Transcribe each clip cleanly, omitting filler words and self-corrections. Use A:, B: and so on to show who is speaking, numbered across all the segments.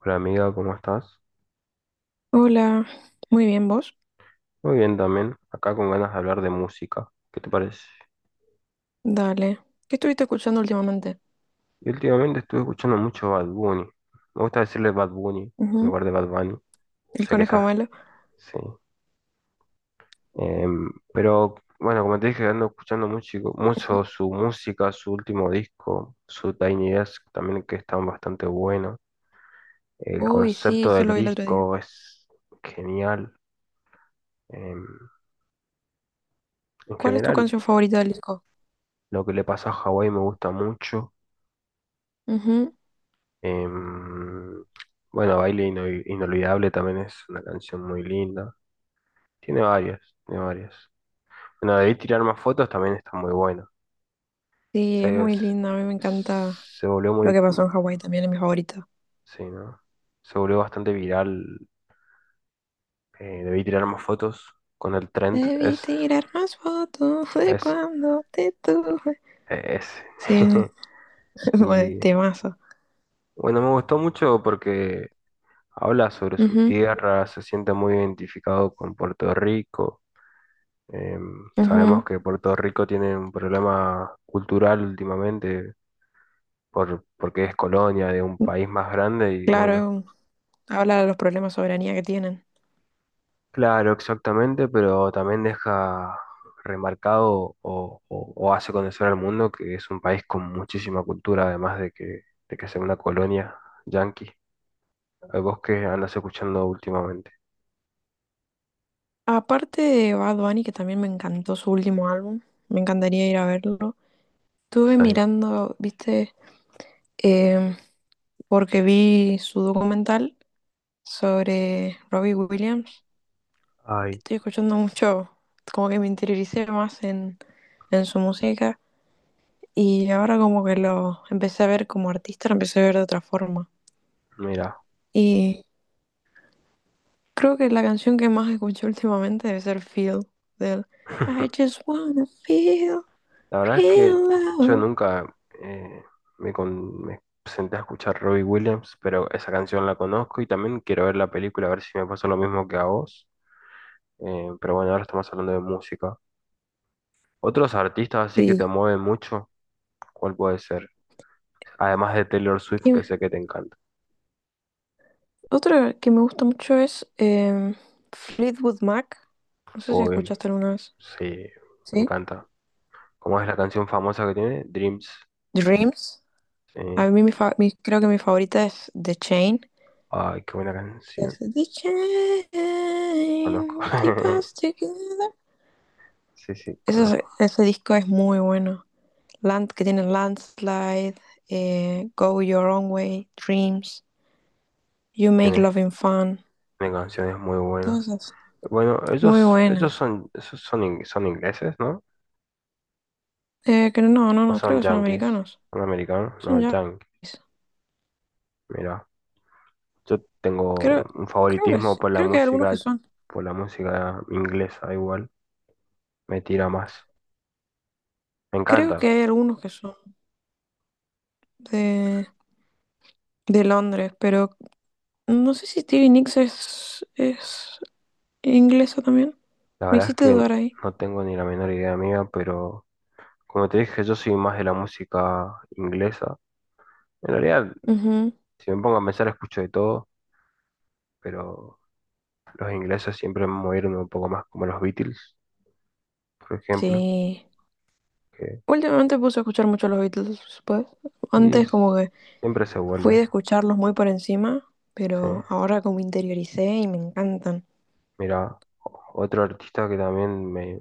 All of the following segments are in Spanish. A: Hola amiga, ¿cómo estás?
B: Hola, muy bien vos.
A: Muy bien también, acá con ganas de hablar de música. ¿Qué te parece?
B: Dale. ¿Qué estuviste escuchando últimamente?
A: Y últimamente estuve escuchando mucho Bad Bunny. Me gusta decirle Bad Bunny en
B: Ujú.
A: lugar de Bad Bunny.
B: El
A: Sé que
B: conejo
A: está,
B: malo.
A: sí. Pero bueno, como te dije, ando escuchando mucho,
B: Ujú.
A: mucho su música, su último disco, su Tiny Desk también, que está bastante bueno. El
B: Uy, sí,
A: concepto
B: yo
A: del
B: lo vi el otro día.
A: disco es genial. Em, en
B: ¿Cuál es tu
A: general,
B: canción favorita del disco?
A: lo que le pasó a Hawái me gusta mucho.
B: Ujú.
A: Em, bueno, Inolvidable también es una canción muy linda. Tiene varias, tiene varias. Bueno, debí tirar más fotos, también está muy buena.
B: Sí, es
A: Se,
B: muy
A: se,
B: linda. A mí me encanta
A: se volvió
B: lo
A: muy,
B: que pasó en Hawái también, es mi favorita.
A: sí, ¿no? Se volvió bastante viral. Debí tirar más fotos con el trend.
B: Debí tirar más fotos, fue
A: Es,
B: cuando te tuve.
A: es.
B: Sí, fue
A: Y
B: temazo.
A: bueno, me gustó mucho porque habla sobre su
B: Ujú,
A: tierra, se siente muy identificado con Puerto Rico. Sabemos que Puerto Rico tiene un problema cultural últimamente porque es colonia de un
B: ujú.
A: país más grande y bueno,
B: Claro, habla de los problemas de soberanía que tienen.
A: claro, exactamente, pero también deja remarcado o hace conocer al mundo que es un país con muchísima cultura, de que sea una colonia yanqui. ¿Vos que andas escuchando últimamente?
B: Aparte de Bad Bunny, que también me encantó su último álbum, me encantaría ir a verlo. Estuve
A: Sí.
B: mirando, viste. Em, Porque vi su documental sobre Robbie Williams.
A: Ay,
B: Estoy escuchando mucho, como que me interioricé más en su música, y ahora como que lo empecé a ver como artista, lo empecé a ver de otra forma.
A: mira.
B: y Creo que la canción que más escuché últimamente debe ser Feel, del I just wanna feel
A: La verdad es que
B: real
A: yo
B: love.
A: nunca eh, me senté a escuchar Robbie Williams, pero esa canción la conozco y también quiero ver la película a ver si me pasa lo mismo que a vos. Pero bueno, ahora estamos hablando de música. Otros artistas así que te
B: Sí.
A: mueven mucho, ¿cuál puede ser? Además de Taylor Swift,
B: Y
A: que sé que te encanta.
B: otra que me gusta mucho es Fleetwood Mac. No sé si
A: O
B: escuchaste alguna vez.
A: sí, me
B: ¿Sí?
A: encanta. ¿Cómo es la canción famosa que tiene? Dreams.
B: Dreams.
A: Sí.
B: A mí creo que mi favorita es The Chain.
A: Ay, qué buena
B: Que es
A: canción.
B: The
A: Conozco.
B: Chain, keep us together.
A: Sí, sí, conozco.
B: Ese disco es muy bueno. Land, que tiene Landslide, Go Your Own Way, Dreams, You Make
A: Tiene,
B: Loving Fun.
A: tiene canciones muy
B: Todas
A: buenas.
B: esas.
A: Bueno,
B: Muy
A: ellos,
B: buena.
A: ellos son, esos son, ing- son ingleses, ¿no?
B: Que no, no,
A: ¿O
B: no, Creo
A: son
B: que son
A: yankees?
B: americanos.
A: ¿Son americanos? No,
B: Son ya.
A: yankees. Mira, yo tengo
B: Creo,
A: un
B: creo que
A: favoritismo
B: sí,
A: por
B: creo que hay algunos que son.
A: por la música inglesa igual. Me tira más. Me
B: Creo
A: encanta.
B: que hay algunos que son de, de Londres, pero no sé si Stevie Nicks es inglesa también.
A: La
B: Me
A: verdad es
B: hiciste
A: que
B: dudar ahí.
A: no tengo ni la menor idea mía, pero como te dije, yo soy más de la música inglesa. En realidad,
B: Ujú.
A: si me pongo a pensar, escucho de todo, pero los ingleses siempre me movieron un poco más, como los Beatles, por ejemplo.
B: Sí.
A: Que
B: Últimamente puse a escuchar mucho a los Beatles, pues.
A: Y
B: Antes como que
A: siempre se
B: fui
A: vuelve,
B: de escucharlos muy por encima,
A: sí.
B: pero ahora como interioricé y me encantan.
A: Mira, otro artista que también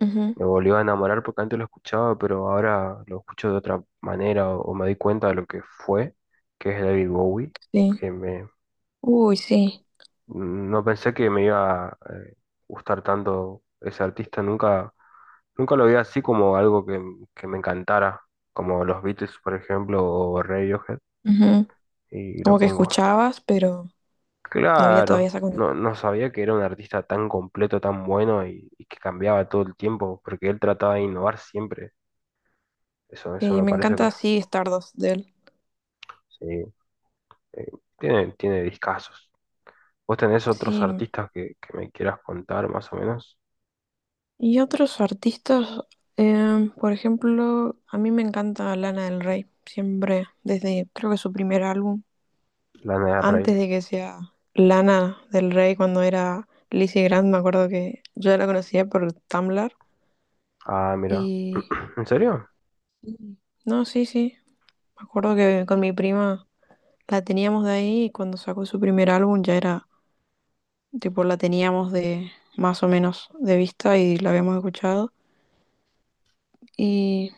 B: Ujú,
A: me volvió a enamorar porque antes lo escuchaba, pero ahora lo escucho de otra manera o me di cuenta de lo que fue, que es David Bowie,
B: sí.
A: que me,
B: Uy, sí.
A: no pensé que me iba a gustar tanto ese artista, nunca lo vi así como algo que me encantara, como los Beatles, por ejemplo, o Radiohead,
B: Ujú.
A: y lo
B: Como que
A: pongo.
B: escuchabas, pero no había todavía
A: Claro,
B: esa conexión.
A: no, no sabía que era un artista tan completo, tan bueno y que cambiaba todo el tiempo, porque él trataba de innovar siempre. Eso
B: Sí,
A: me
B: me
A: parece que
B: encanta,
A: lo-
B: sí, Stardust de él.
A: sí, eh, tiene discazos. ¿Vos tenés otros
B: Sí.
A: artistas que me quieras contar más o menos?
B: Y otros artistas, por ejemplo, a mí me encanta Lana del Rey, siempre, desde creo que su primer álbum,
A: Lana del Rey.
B: antes de que sea Lana del Rey, cuando era Lizzy Grant. Me acuerdo que yo la conocía por Tumblr.
A: Ah, mira.
B: Y
A: ¿En serio?
B: Mm. No, sí, sí. Me acuerdo que con mi prima la teníamos de ahí, y cuando sacó su primer álbum ya era, tipo, la teníamos de más o menos de vista y la habíamos escuchado. Y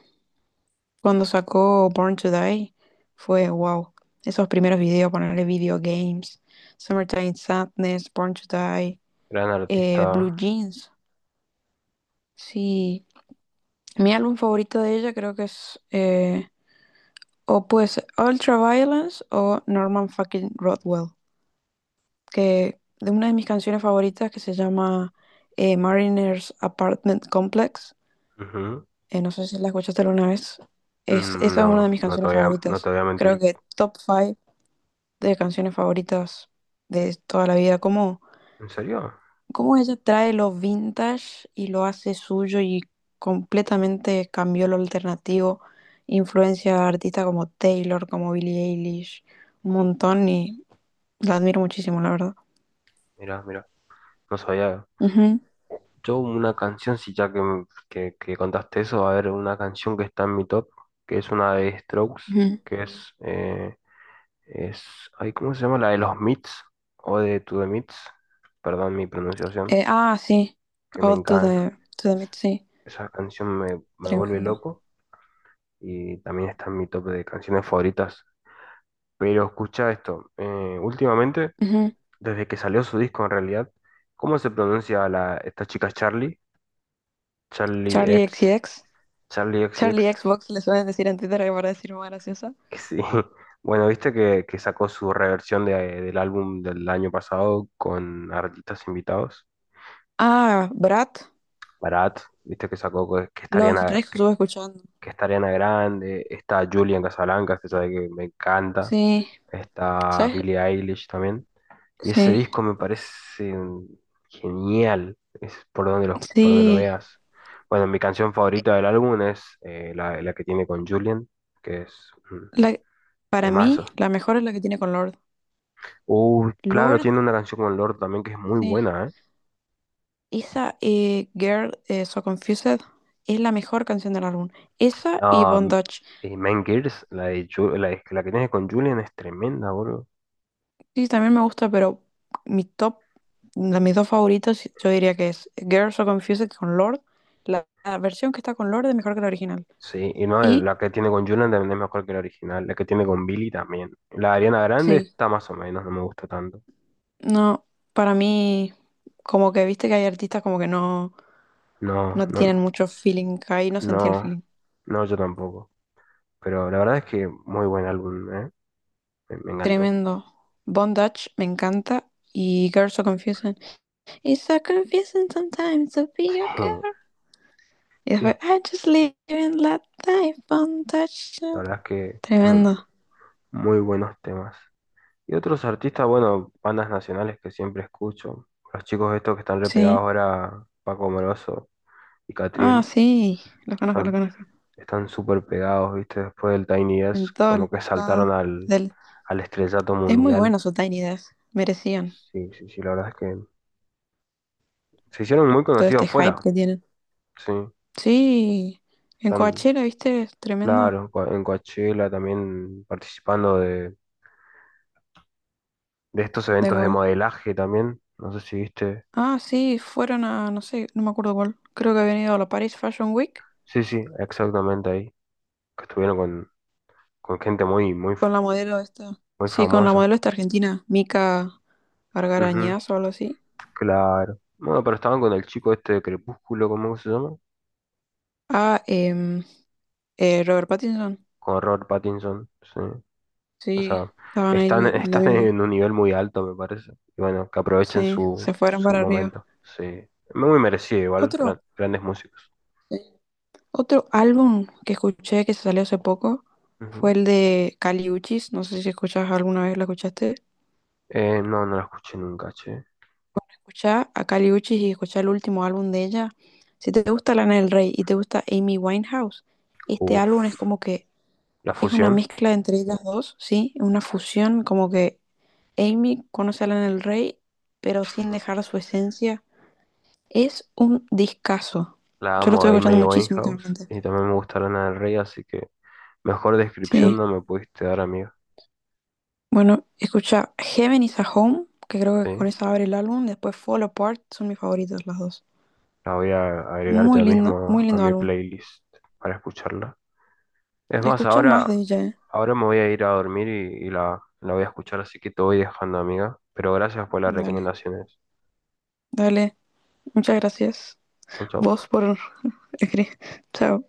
B: cuando sacó Born to Die fue wow. Esos primeros videos, ponerle Video Games, Summertime Sadness, Born to Die,
A: Gran
B: Blue
A: artista.
B: Jeans. Sí, mi álbum favorito de ella creo que es o pues Ultraviolence o Norman Fucking Rockwell. Que de una de mis canciones favoritas, que se llama Mariners Apartment Complex.
A: Ujú.
B: No sé si la escuchaste alguna vez. Es, esa es una de
A: No,
B: mis canciones
A: no te
B: favoritas.
A: voy a
B: Creo
A: mentir.
B: que top 5 de canciones favoritas de toda la vida.
A: ¿En serio?
B: Cómo ella trae lo vintage y lo hace suyo, y completamente cambió lo alternativo. Influencia a artistas como Taylor, como Billie Eilish, un montón, y la admiro muchísimo, la verdad.
A: Mira, mira. No sabía.
B: Ujú,
A: Yo una canción, si ya que, m- que contaste eso, va a haber una canción que está en mi top, que es una de Strokes,
B: ujú.
A: que es, eh, es, ay, ¿cómo se llama? La de los Mits, o de To The Mits, perdón mi pronunciación,
B: Sí.
A: que me
B: All to
A: encanta.
B: the, To the Mid,
A: Es-
B: sí.
A: Esa canción me vuelve
B: Tremendo.
A: loco y también está en mi top de canciones favoritas. Pero escucha esto, últimamente,
B: Ujú.
A: desde que salió su disco en realidad, ¿cómo se pronuncia esta chica Charlie? Charlie
B: Charlie
A: X,
B: XCX.
A: Charlie
B: Charlie
A: X.
B: Xbox le suelen decir en Twitter, que para decir más graciosa.
A: Sí. Bueno, viste que sacó su reversión del álbum del año pasado con artistas invitados.
B: Ah, Brad.
A: Barat, viste que sacó
B: Los Rex estuve escuchando.
A: que estarían a grande. Está Julian Casablancas, que sabe que me encanta.
B: Sí.
A: Está
B: ¿Sabes?
A: Billie Eilish también. Y ese
B: Sí.
A: disco me parece genial. Es por por donde lo
B: Sí.
A: veas. Bueno, mi canción favorita del álbum es la que tiene con Julian, que es un
B: La- para mí,
A: temazo.
B: la mejor es la que tiene con Lord.
A: Claro,
B: Lord,
A: tiene una canción con Lorde también que es muy
B: sí.
A: buena, ¿eh?
B: Esa Girl So Confused es la mejor canción del álbum. Esa y
A: Ah, m-
B: Bondage.
A: Mean Girls, la, de Ju- la, de- la que tiene con Julian es tremenda, bro.
B: Sí, también me gusta, pero mi top, de mis dos favoritos, yo diría que es Girls So Confused con Lord. La versión que está con Lord es mejor que la original.
A: Sí, y no,
B: Y
A: la que tiene con Julian también es mejor que la original. La que tiene con Billy también. La de Ariana Grande
B: sí,
A: está más o menos, no me gusta tanto.
B: no, para mí, como que viste que hay artistas como que no,
A: No,
B: no
A: no,
B: tienen mucho feeling, ahí no sentía el
A: no,
B: feeling.
A: no, yo tampoco. Pero la verdad es que muy buen álbum, ¿eh? Me encantó.
B: Tremendo. Bondage me encanta. Y Girls So Confused. It's so confusing sometimes to be a girl. Y
A: Dios,
B: después, I just live in that life, Bondage.
A: la verdad es que mm,
B: Tremendo.
A: muy buenos temas. Y otros artistas, bueno, bandas nacionales que siempre escucho. Los chicos estos que están repegados
B: Sí.
A: ahora, Paco Moroso y
B: Ah,
A: Catriel,
B: sí, los conozco, los
A: están
B: conozco.
A: están súper pegados, ¿viste? Después del Tiny Desk,
B: En todos
A: como que
B: lados
A: saltaron
B: del...
A: al estrellato
B: Es muy
A: mundial.
B: bueno su Tiny Desk. Merecían
A: Sí, sí, sí, la verdad es que se hicieron muy
B: todo este
A: conocidos
B: hype
A: fuera,
B: que tienen.
A: sí.
B: Sí, en
A: Están,
B: Coachella, ¿viste? Es tremendo.
A: claro, en en Coachella también participando de estos
B: De
A: eventos de
B: gol.
A: modelaje también. No sé si viste.
B: Ah, sí, fueron a, no sé, no me acuerdo cuál. Creo que habían ido a la Paris Fashion Week
A: Sí, sí, exactamente ahí. Que estuvieron con gente muy
B: con la modelo esta.
A: muy
B: Sí, con la
A: famoso.
B: modelo esta argentina, Mica
A: Ujú,
B: Argarañaz o algo así.
A: claro. Bueno, pero estaban con el chico este de Crepúsculo, ¿cómo se llama?
B: Ah, em, Robert Pattinson.
A: Con Robert Pattinson, sí. O
B: Sí,
A: sea,
B: estaban ahí
A: están,
B: la
A: están
B: misma-
A: en un nivel muy alto, me parece. Y bueno, que aprovechen
B: Sí, se fueron
A: su
B: para arriba.
A: momento, sí. Muy merecido igual,
B: Otro.
A: grandes músicos.
B: Sí. Otro álbum que escuché que salió hace poco fue
A: Ujú.
B: el de Kali Uchis. No sé si escuchas alguna vez, la escuchaste.
A: No, no la escuché nunca, che.
B: Escuchá a Kali Uchis y escuchá el último álbum de ella. Si te gusta Lana del Rey y te gusta Amy Winehouse, este álbum es
A: Uf.
B: como que
A: La
B: es una
A: fusión.
B: mezcla entre ellas dos, ¿sí? Una fusión, como que Amy conoce a Lana del Rey, pero sin
A: Ujú.
B: dejar su esencia. Es un discazo.
A: La
B: Yo lo
A: amo
B: estoy
A: a
B: escuchando
A: Amy
B: muchísimo
A: Winehouse.
B: últimamente.
A: Y también me gusta Lana del Rey, así que mejor descripción
B: Sí.
A: no me pudiste dar, amigo.
B: Bueno, escucha Heaven is a Home, que creo que con
A: Sí.
B: esa abre el álbum. Después Fall Apart, son mis favoritas las dos.
A: La voy a agregar ya
B: Muy
A: mismo a
B: lindo
A: mi
B: álbum.
A: playlist para escucharla. Es más,
B: Escucha más
A: ahora,
B: de ella, ¿eh?
A: ahora me voy a ir a dormir y la voy a escuchar, así que te voy dejando, amiga. Pero gracias por las
B: Dale,
A: recomendaciones.
B: dale. Muchas gracias.
A: Chau, chau.
B: Vos por escribir. Chao.